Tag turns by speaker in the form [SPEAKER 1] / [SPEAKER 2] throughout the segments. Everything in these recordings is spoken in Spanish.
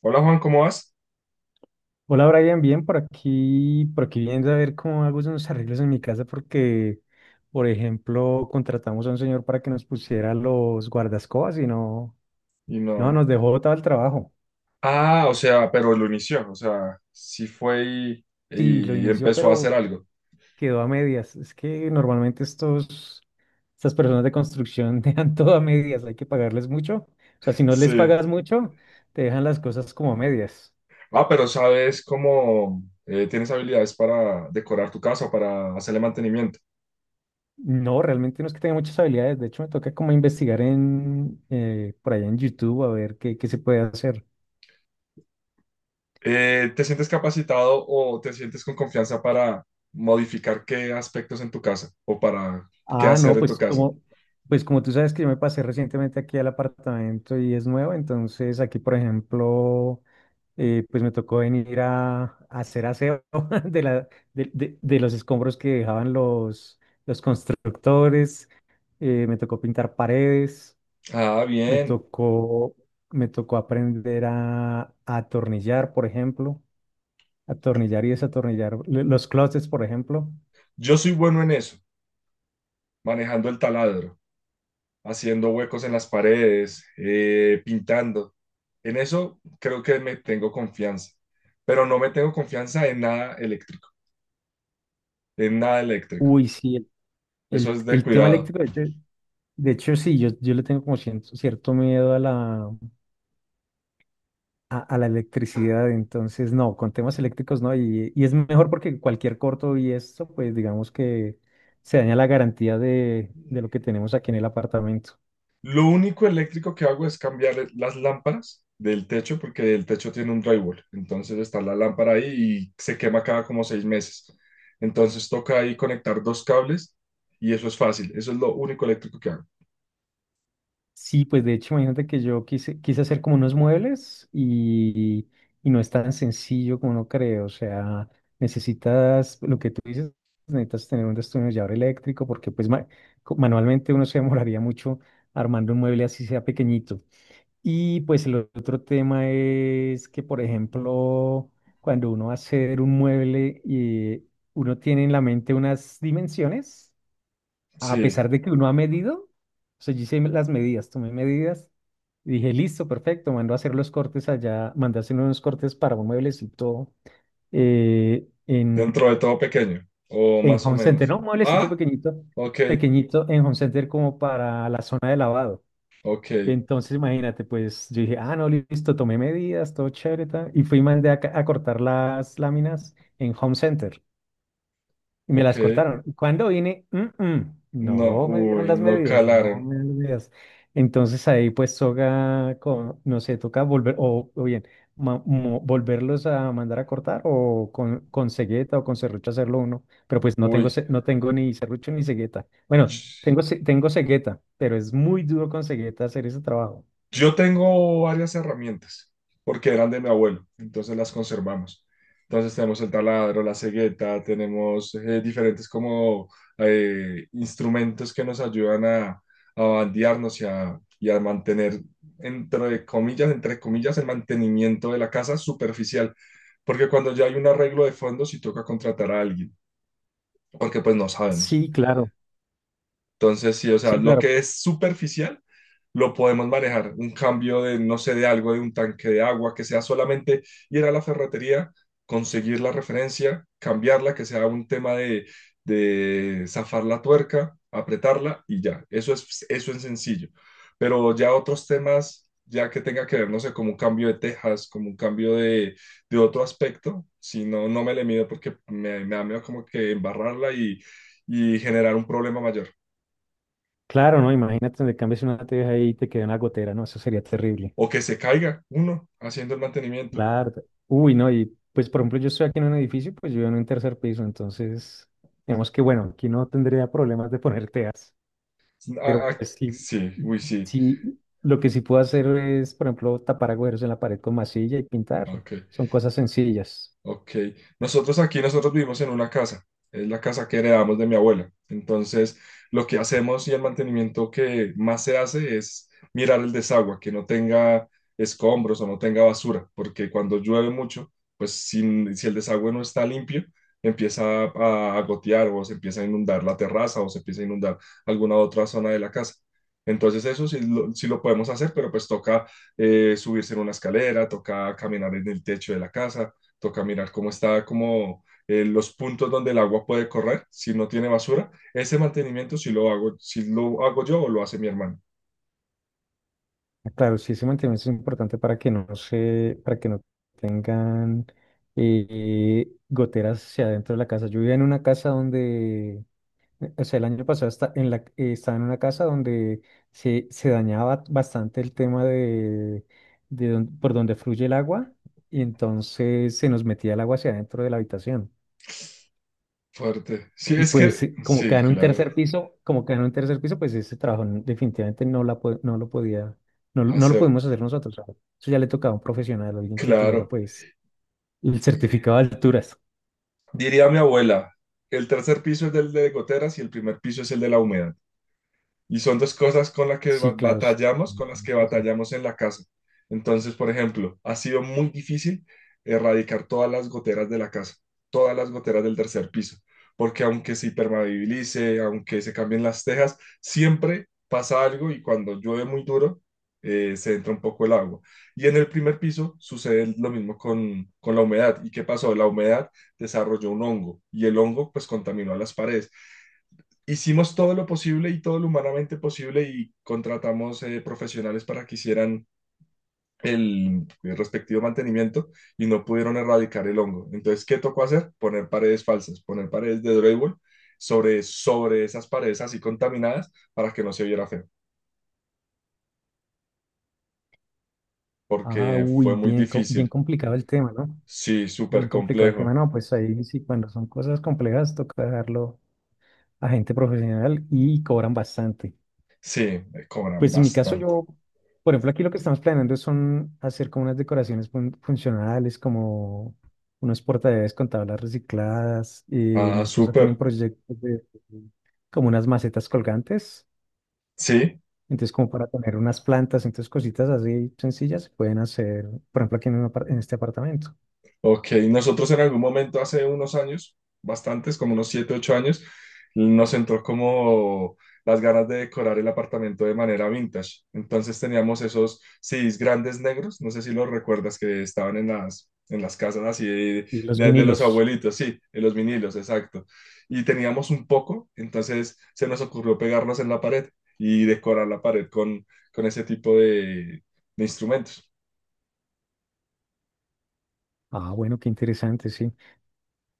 [SPEAKER 1] Hola Juan, ¿cómo vas?
[SPEAKER 2] Hola Brian, bien por aquí viendo a ver cómo hago unos arreglos en mi casa porque, por ejemplo, contratamos a un señor para que nos pusiera los guardascobas y no,
[SPEAKER 1] Y
[SPEAKER 2] no,
[SPEAKER 1] no.
[SPEAKER 2] nos dejó botado el trabajo.
[SPEAKER 1] Ah, o sea, pero lo inició, o sea, sí fue y,
[SPEAKER 2] Sí, lo
[SPEAKER 1] y
[SPEAKER 2] inició,
[SPEAKER 1] empezó a hacer
[SPEAKER 2] pero
[SPEAKER 1] algo.
[SPEAKER 2] quedó a medias. Es que normalmente estas personas de construcción dejan todo a medias, hay que pagarles mucho. O sea, si no les
[SPEAKER 1] Sí.
[SPEAKER 2] pagas mucho, te dejan las cosas como a medias.
[SPEAKER 1] Ah, pero ¿sabes cómo tienes habilidades para decorar tu casa o para hacerle mantenimiento?
[SPEAKER 2] No, realmente no es que tenga muchas habilidades. De hecho, me toca como investigar en por allá en YouTube a ver qué se puede hacer.
[SPEAKER 1] ¿Te sientes capacitado o te sientes con confianza para modificar qué aspectos en tu casa o para qué
[SPEAKER 2] Ah,
[SPEAKER 1] hacer
[SPEAKER 2] no,
[SPEAKER 1] en tu casa?
[SPEAKER 2] pues como tú sabes que yo me pasé recientemente aquí al apartamento y es nuevo, entonces aquí, por ejemplo, pues me tocó venir a hacer aseo de la, de los escombros que dejaban los constructores. Me tocó pintar paredes.
[SPEAKER 1] Ah,
[SPEAKER 2] Me
[SPEAKER 1] bien.
[SPEAKER 2] tocó, Me tocó aprender a atornillar, por ejemplo. Atornillar y desatornillar. Los closets, por ejemplo.
[SPEAKER 1] Yo soy bueno en eso, manejando el taladro, haciendo huecos en las paredes, pintando. En eso creo que me tengo confianza, pero no me tengo confianza en nada eléctrico, en nada eléctrico.
[SPEAKER 2] Uy, sí,
[SPEAKER 1] Eso es de
[SPEAKER 2] el tema
[SPEAKER 1] cuidado.
[SPEAKER 2] eléctrico, de hecho, sí, yo le tengo como cierto miedo a a la electricidad, entonces no, con temas eléctricos no, y es mejor porque cualquier corto y esto, pues digamos que se daña la garantía de lo que tenemos aquí en el apartamento.
[SPEAKER 1] Lo único eléctrico que hago es cambiar las lámparas del techo porque el techo tiene un drywall. Entonces está la lámpara ahí y se quema cada como seis meses. Entonces toca ahí conectar dos cables y eso es fácil. Eso es lo único eléctrico que hago.
[SPEAKER 2] Sí, pues de hecho, imagínate que yo quise hacer como unos muebles y no es tan sencillo como uno cree. O sea, necesitas, lo que tú dices, necesitas tener un destornillador eléctrico porque manualmente uno se demoraría mucho armando un mueble así sea pequeñito. Y pues el otro tema es que, por ejemplo, cuando uno va a hacer un mueble y uno tiene en la mente unas dimensiones a
[SPEAKER 1] Sí,
[SPEAKER 2] pesar de que uno ha medido, o sea, yo hice las medidas, tomé medidas y dije, listo, perfecto, mando a hacer los cortes allá, mandé a hacer unos cortes para un mueblecito eh, en,
[SPEAKER 1] dentro de todo pequeño o
[SPEAKER 2] en
[SPEAKER 1] más o
[SPEAKER 2] Home Center,
[SPEAKER 1] menos.
[SPEAKER 2] ¿no?
[SPEAKER 1] Ah, ok,
[SPEAKER 2] Pequeñito en Home Center como para la zona de lavado.
[SPEAKER 1] ok,
[SPEAKER 2] Entonces, imagínate, pues yo dije, ah, no, listo, tomé medidas, todo chévere, tal", y fui y mandé a cortar las láminas en Home Center. Y me
[SPEAKER 1] ok.
[SPEAKER 2] las cortaron. Y cuando vine,
[SPEAKER 1] No,
[SPEAKER 2] no me dieron
[SPEAKER 1] uy,
[SPEAKER 2] las
[SPEAKER 1] no
[SPEAKER 2] medidas, no
[SPEAKER 1] calaron.
[SPEAKER 2] me dieron las medidas. Entonces ahí pues no sé, toca volver, o bien, volverlos a mandar a cortar o con cegueta o con serrucho hacerlo uno. Pero pues no
[SPEAKER 1] Uy,
[SPEAKER 2] no tengo ni serrucho ni cegueta. Bueno,
[SPEAKER 1] ch-
[SPEAKER 2] tengo cegueta, pero es muy duro con cegueta hacer ese trabajo.
[SPEAKER 1] yo tengo varias herramientas porque eran de mi abuelo, entonces las conservamos. Entonces tenemos el taladro, la cegueta, tenemos diferentes como instrumentos que nos ayudan a bandearnos y a mantener, entre comillas, el mantenimiento de la casa superficial, porque cuando ya hay un arreglo de fondo, sí toca contratar a alguien, porque pues no sabemos.
[SPEAKER 2] Sí, claro,
[SPEAKER 1] Entonces, sí, o sea,
[SPEAKER 2] sí,
[SPEAKER 1] lo
[SPEAKER 2] claro.
[SPEAKER 1] que es superficial lo podemos manejar. Un cambio de, no sé, de algo, de un tanque de agua, que sea solamente ir a la ferretería, conseguir la referencia, cambiarla, que sea un tema de zafar la tuerca, apretarla y ya. Eso es sencillo. Pero ya otros temas, ya que tenga que ver, no sé, como un cambio de tejas, como un cambio de otro aspecto, si no, no me le mido porque me da miedo como que embarrarla y generar un problema mayor.
[SPEAKER 2] Claro, ¿no? Imagínate donde cambies una teja ahí y te queda una gotera, ¿no? Eso sería terrible.
[SPEAKER 1] O que se caiga uno haciendo el mantenimiento.
[SPEAKER 2] Claro. Uy, no, y pues por ejemplo yo estoy aquí en un edificio, pues yo vivo en un tercer piso, entonces digamos que bueno, aquí no tendría problemas de poner teas, pero
[SPEAKER 1] Ah, ah,
[SPEAKER 2] pues sí,
[SPEAKER 1] sí, uy, sí,
[SPEAKER 2] sí, lo que sí puedo hacer es, por ejemplo, tapar agujeros en la pared con masilla y pintar,
[SPEAKER 1] ok.
[SPEAKER 2] son cosas sencillas.
[SPEAKER 1] Ok, nosotros aquí, nosotros vivimos en una casa, es la casa que heredamos de mi abuela. Entonces, lo que hacemos y el mantenimiento que más se hace es mirar el desagüe, que no tenga escombros o no tenga basura, porque cuando llueve mucho, pues si, si el desagüe no está limpio, empieza a gotear o se empieza a inundar la terraza o se empieza a inundar alguna otra zona de la casa. Entonces eso sí lo podemos hacer, pero pues toca subirse en una escalera, toca caminar en el techo de la casa toca mirar cómo está, como los puntos donde el agua puede correr, si no tiene basura. Ese mantenimiento si lo hago, si lo hago yo o lo hace mi hermano.
[SPEAKER 2] Ah, claro, sí, ese mantenimiento es importante para que no para que no tengan goteras hacia adentro de la casa. Yo vivía en una casa donde. O sea, el año pasado está en estaba en una casa donde se dañaba bastante el tema de, por donde fluye el agua y entonces se nos metía el agua hacia adentro de la habitación.
[SPEAKER 1] Fuerte. Sí,
[SPEAKER 2] Y
[SPEAKER 1] es
[SPEAKER 2] pues
[SPEAKER 1] que,
[SPEAKER 2] como queda
[SPEAKER 1] sí,
[SPEAKER 2] en un
[SPEAKER 1] claro,
[SPEAKER 2] tercer piso, pues ese trabajo definitivamente no, no lo no lo
[SPEAKER 1] hacer,
[SPEAKER 2] pudimos hacer nosotros. O sea, eso ya le tocaba a un profesional, alguien que tuviera
[SPEAKER 1] claro.
[SPEAKER 2] pues el
[SPEAKER 1] Y
[SPEAKER 2] certificado de alturas.
[SPEAKER 1] diría mi abuela, el tercer piso es el de goteras y el primer piso es el de la humedad. Y son dos cosas con las que
[SPEAKER 2] Sí, claro, sí.
[SPEAKER 1] batallamos, con las que
[SPEAKER 2] Ujú, sí.
[SPEAKER 1] batallamos en la casa. Entonces, por ejemplo, ha sido muy difícil erradicar todas las goteras de la casa, todas las goteras del tercer piso, porque aunque se impermeabilice, aunque se cambien las tejas, siempre pasa algo y cuando llueve muy duro, se entra un poco el agua. Y en el primer piso sucede lo mismo con la humedad. ¿Y qué pasó? La humedad desarrolló un hongo y el hongo pues contaminó a las paredes hicimos todo lo posible y todo lo humanamente posible y contratamos profesionales para que hicieran el respectivo mantenimiento y no pudieron erradicar el hongo. Entonces, ¿qué tocó hacer? Poner paredes falsas, poner paredes de drywall sobre, sobre esas paredes así contaminadas para que no se viera feo,
[SPEAKER 2] Ah,
[SPEAKER 1] porque
[SPEAKER 2] uy,
[SPEAKER 1] fue muy
[SPEAKER 2] bien, bien
[SPEAKER 1] difícil.
[SPEAKER 2] complicado el tema, ¿no?
[SPEAKER 1] Sí,
[SPEAKER 2] Bien
[SPEAKER 1] súper
[SPEAKER 2] complicado el tema,
[SPEAKER 1] complejo.
[SPEAKER 2] no, pues ahí sí, cuando son cosas complejas, toca dejarlo a gente profesional y cobran bastante.
[SPEAKER 1] Sí, me cobran
[SPEAKER 2] Pues en mi caso
[SPEAKER 1] bastante.
[SPEAKER 2] yo, por ejemplo, aquí lo que estamos planeando son hacer como unas decoraciones funcionales, como unos portadeves con tablas recicladas.
[SPEAKER 1] Ah,
[SPEAKER 2] Mi esposa tiene un
[SPEAKER 1] súper.
[SPEAKER 2] proyecto de como unas macetas colgantes,
[SPEAKER 1] Sí,
[SPEAKER 2] entonces como para tener unas plantas, entonces cositas así sencillas se pueden hacer, por ejemplo, aquí en, un apar- en este apartamento.
[SPEAKER 1] ok, nosotros en algún momento hace unos años, bastantes, como unos 7, 8 años, nos entró como las ganas de decorar el apartamento de manera vintage. Entonces teníamos esos CDs grandes negros, no sé si los recuerdas, que estaban en las casas así de,
[SPEAKER 2] Y los
[SPEAKER 1] de los
[SPEAKER 2] vinilos.
[SPEAKER 1] abuelitos, sí, en los vinilos, exacto. Y teníamos un poco, entonces se nos ocurrió pegarlos en la pared y decorar la pared con ese tipo de instrumentos.
[SPEAKER 2] Ah, bueno, qué interesante, sí.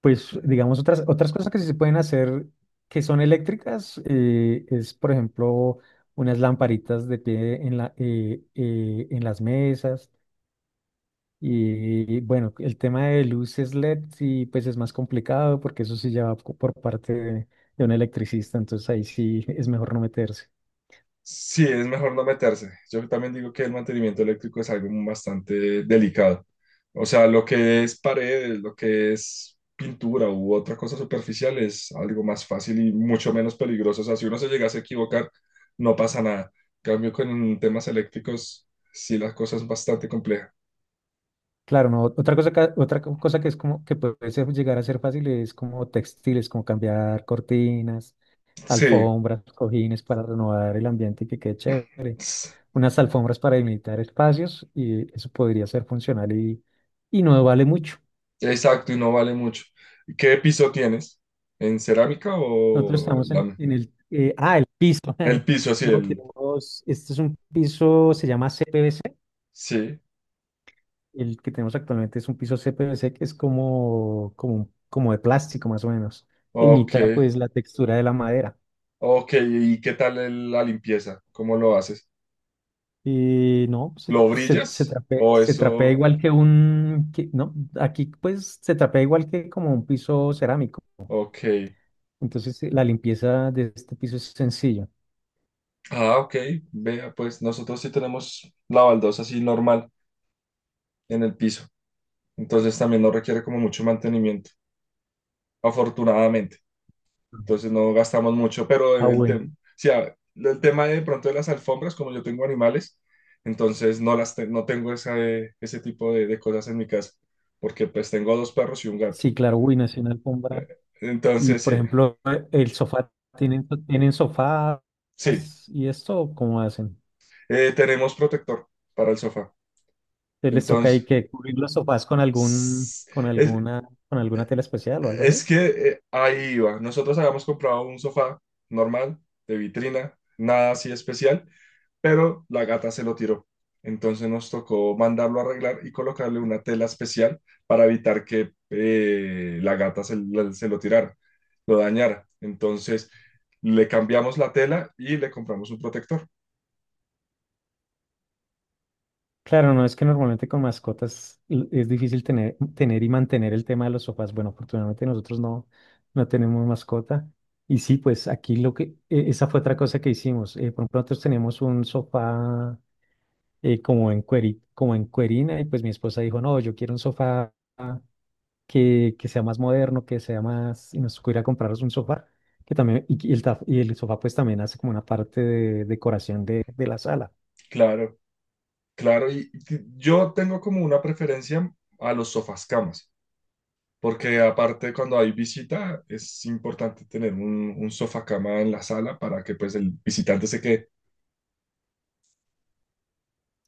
[SPEAKER 2] Pues digamos, otras cosas que sí se pueden hacer que son eléctricas por ejemplo, unas lamparitas de pie en en las mesas. Y bueno, el tema de luces LED sí, pues es más complicado porque eso sí ya va por parte de un electricista, entonces ahí sí es mejor no meterse.
[SPEAKER 1] Sí, es mejor no meterse. Yo también digo que el mantenimiento eléctrico es algo bastante delicado. O sea, lo que es paredes, lo que es pintura u otra cosa superficial es algo más fácil y mucho menos peligroso. O sea, si uno se llegase a equivocar, no pasa nada. En cambio, con temas eléctricos, sí, la cosa es bastante compleja.
[SPEAKER 2] Claro, no, otra cosa, ca- otra co- cosa que es como que puede llegar a ser fácil es como textiles, como cambiar cortinas,
[SPEAKER 1] Sí,
[SPEAKER 2] alfombras, cojines para renovar el ambiente y que quede chévere,
[SPEAKER 1] s-
[SPEAKER 2] unas alfombras para delimitar espacios y eso podría ser funcional y no vale mucho.
[SPEAKER 1] exacto, y no vale mucho. ¿Qué piso tienes? ¿En cerámica
[SPEAKER 2] Nosotros
[SPEAKER 1] o
[SPEAKER 2] estamos en,
[SPEAKER 1] lámina?
[SPEAKER 2] en el, eh, ah, el piso.
[SPEAKER 1] El piso, sí,
[SPEAKER 2] No,
[SPEAKER 1] el...
[SPEAKER 2] tenemos, este es un piso, se llama CPVC,
[SPEAKER 1] Sí,
[SPEAKER 2] el que tenemos actualmente es un piso CPVC que es como de plástico más o menos, e
[SPEAKER 1] ok.
[SPEAKER 2] imita pues la textura de la madera.
[SPEAKER 1] Ok, ¿y qué tal la limpieza? ¿Cómo lo haces?
[SPEAKER 2] Y no,
[SPEAKER 1] ¿Lo brillas? ¿O
[SPEAKER 2] se trapea
[SPEAKER 1] eso?
[SPEAKER 2] igual que un, que- no, aquí pues se trapea igual que como un piso cerámico.
[SPEAKER 1] Ok.
[SPEAKER 2] Entonces la limpieza de este piso es sencilla.
[SPEAKER 1] Ah, ok. Vea, pues nosotros sí tenemos la baldosa así normal en el piso. Entonces también no requiere como mucho mantenimiento, afortunadamente. Entonces no gastamos mucho, pero
[SPEAKER 2] Ah,
[SPEAKER 1] el tema, o
[SPEAKER 2] bueno.
[SPEAKER 1] sea, el tema de pronto de las alfombras, como yo tengo animales, entonces no tengo esa, ese tipo de cosas en mi casa, porque pues tengo dos perros y un gato.
[SPEAKER 2] Sí, claro, uy, nació una alfombra. Y
[SPEAKER 1] Entonces
[SPEAKER 2] por
[SPEAKER 1] sí.
[SPEAKER 2] ejemplo, el sofá, tienen sofás
[SPEAKER 1] Sí,
[SPEAKER 2] y esto? ¿Cómo hacen?
[SPEAKER 1] Tenemos protector para el sofá.
[SPEAKER 2] ¿Les toca
[SPEAKER 1] Entonces,
[SPEAKER 2] ahí que cubrir los sofás
[SPEAKER 1] es,
[SPEAKER 2] con alguna tela especial o algo así?
[SPEAKER 1] es que ahí iba. Nosotros habíamos comprado un sofá normal, de vitrina, nada así especial, pero la gata se lo tiró. Entonces nos tocó mandarlo a arreglar y colocarle una tela especial para evitar que la gata se lo tirara, lo dañara. Entonces le cambiamos la tela y le compramos un protector.
[SPEAKER 2] Claro, no es que normalmente con mascotas es difícil tener y mantener el tema de los sofás. Bueno, afortunadamente nosotros no, no tenemos mascota. Y sí, pues aquí esa fue otra cosa que hicimos. Por ejemplo, nosotros teníamos un sofá como en cuerina y pues mi esposa dijo, no, yo quiero un sofá que sea más moderno, que sea más, y nos tocó ir a compraros un sofá, que también, y y el sofá pues también hace como una parte de decoración de la sala.
[SPEAKER 1] Claro. Claro, y yo tengo como una preferencia a los sofás camas, porque aparte cuando hay visita es importante tener un sofá cama en la sala para que pues el visitante se quede.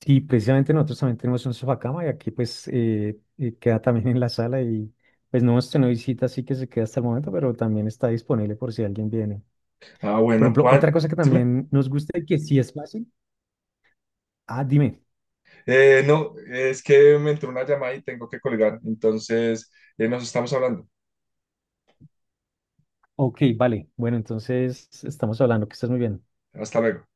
[SPEAKER 2] Sí, precisamente nosotros también tenemos un sofá cama y aquí pues queda también en la sala y pues no hemos tenido visita, así que se queda hasta el momento, pero también está disponible por si alguien viene.
[SPEAKER 1] Ah,
[SPEAKER 2] Por
[SPEAKER 1] bueno,
[SPEAKER 2] ejemplo, otra
[SPEAKER 1] Juan,
[SPEAKER 2] cosa que
[SPEAKER 1] dime.
[SPEAKER 2] también nos gusta y que sí es fácil. Ah, dime.
[SPEAKER 1] No, es que me entró una llamada y tengo que colgar, entonces nos estamos hablando.
[SPEAKER 2] Ok, vale. Bueno, entonces estamos hablando, que estás muy bien.
[SPEAKER 1] Hasta luego.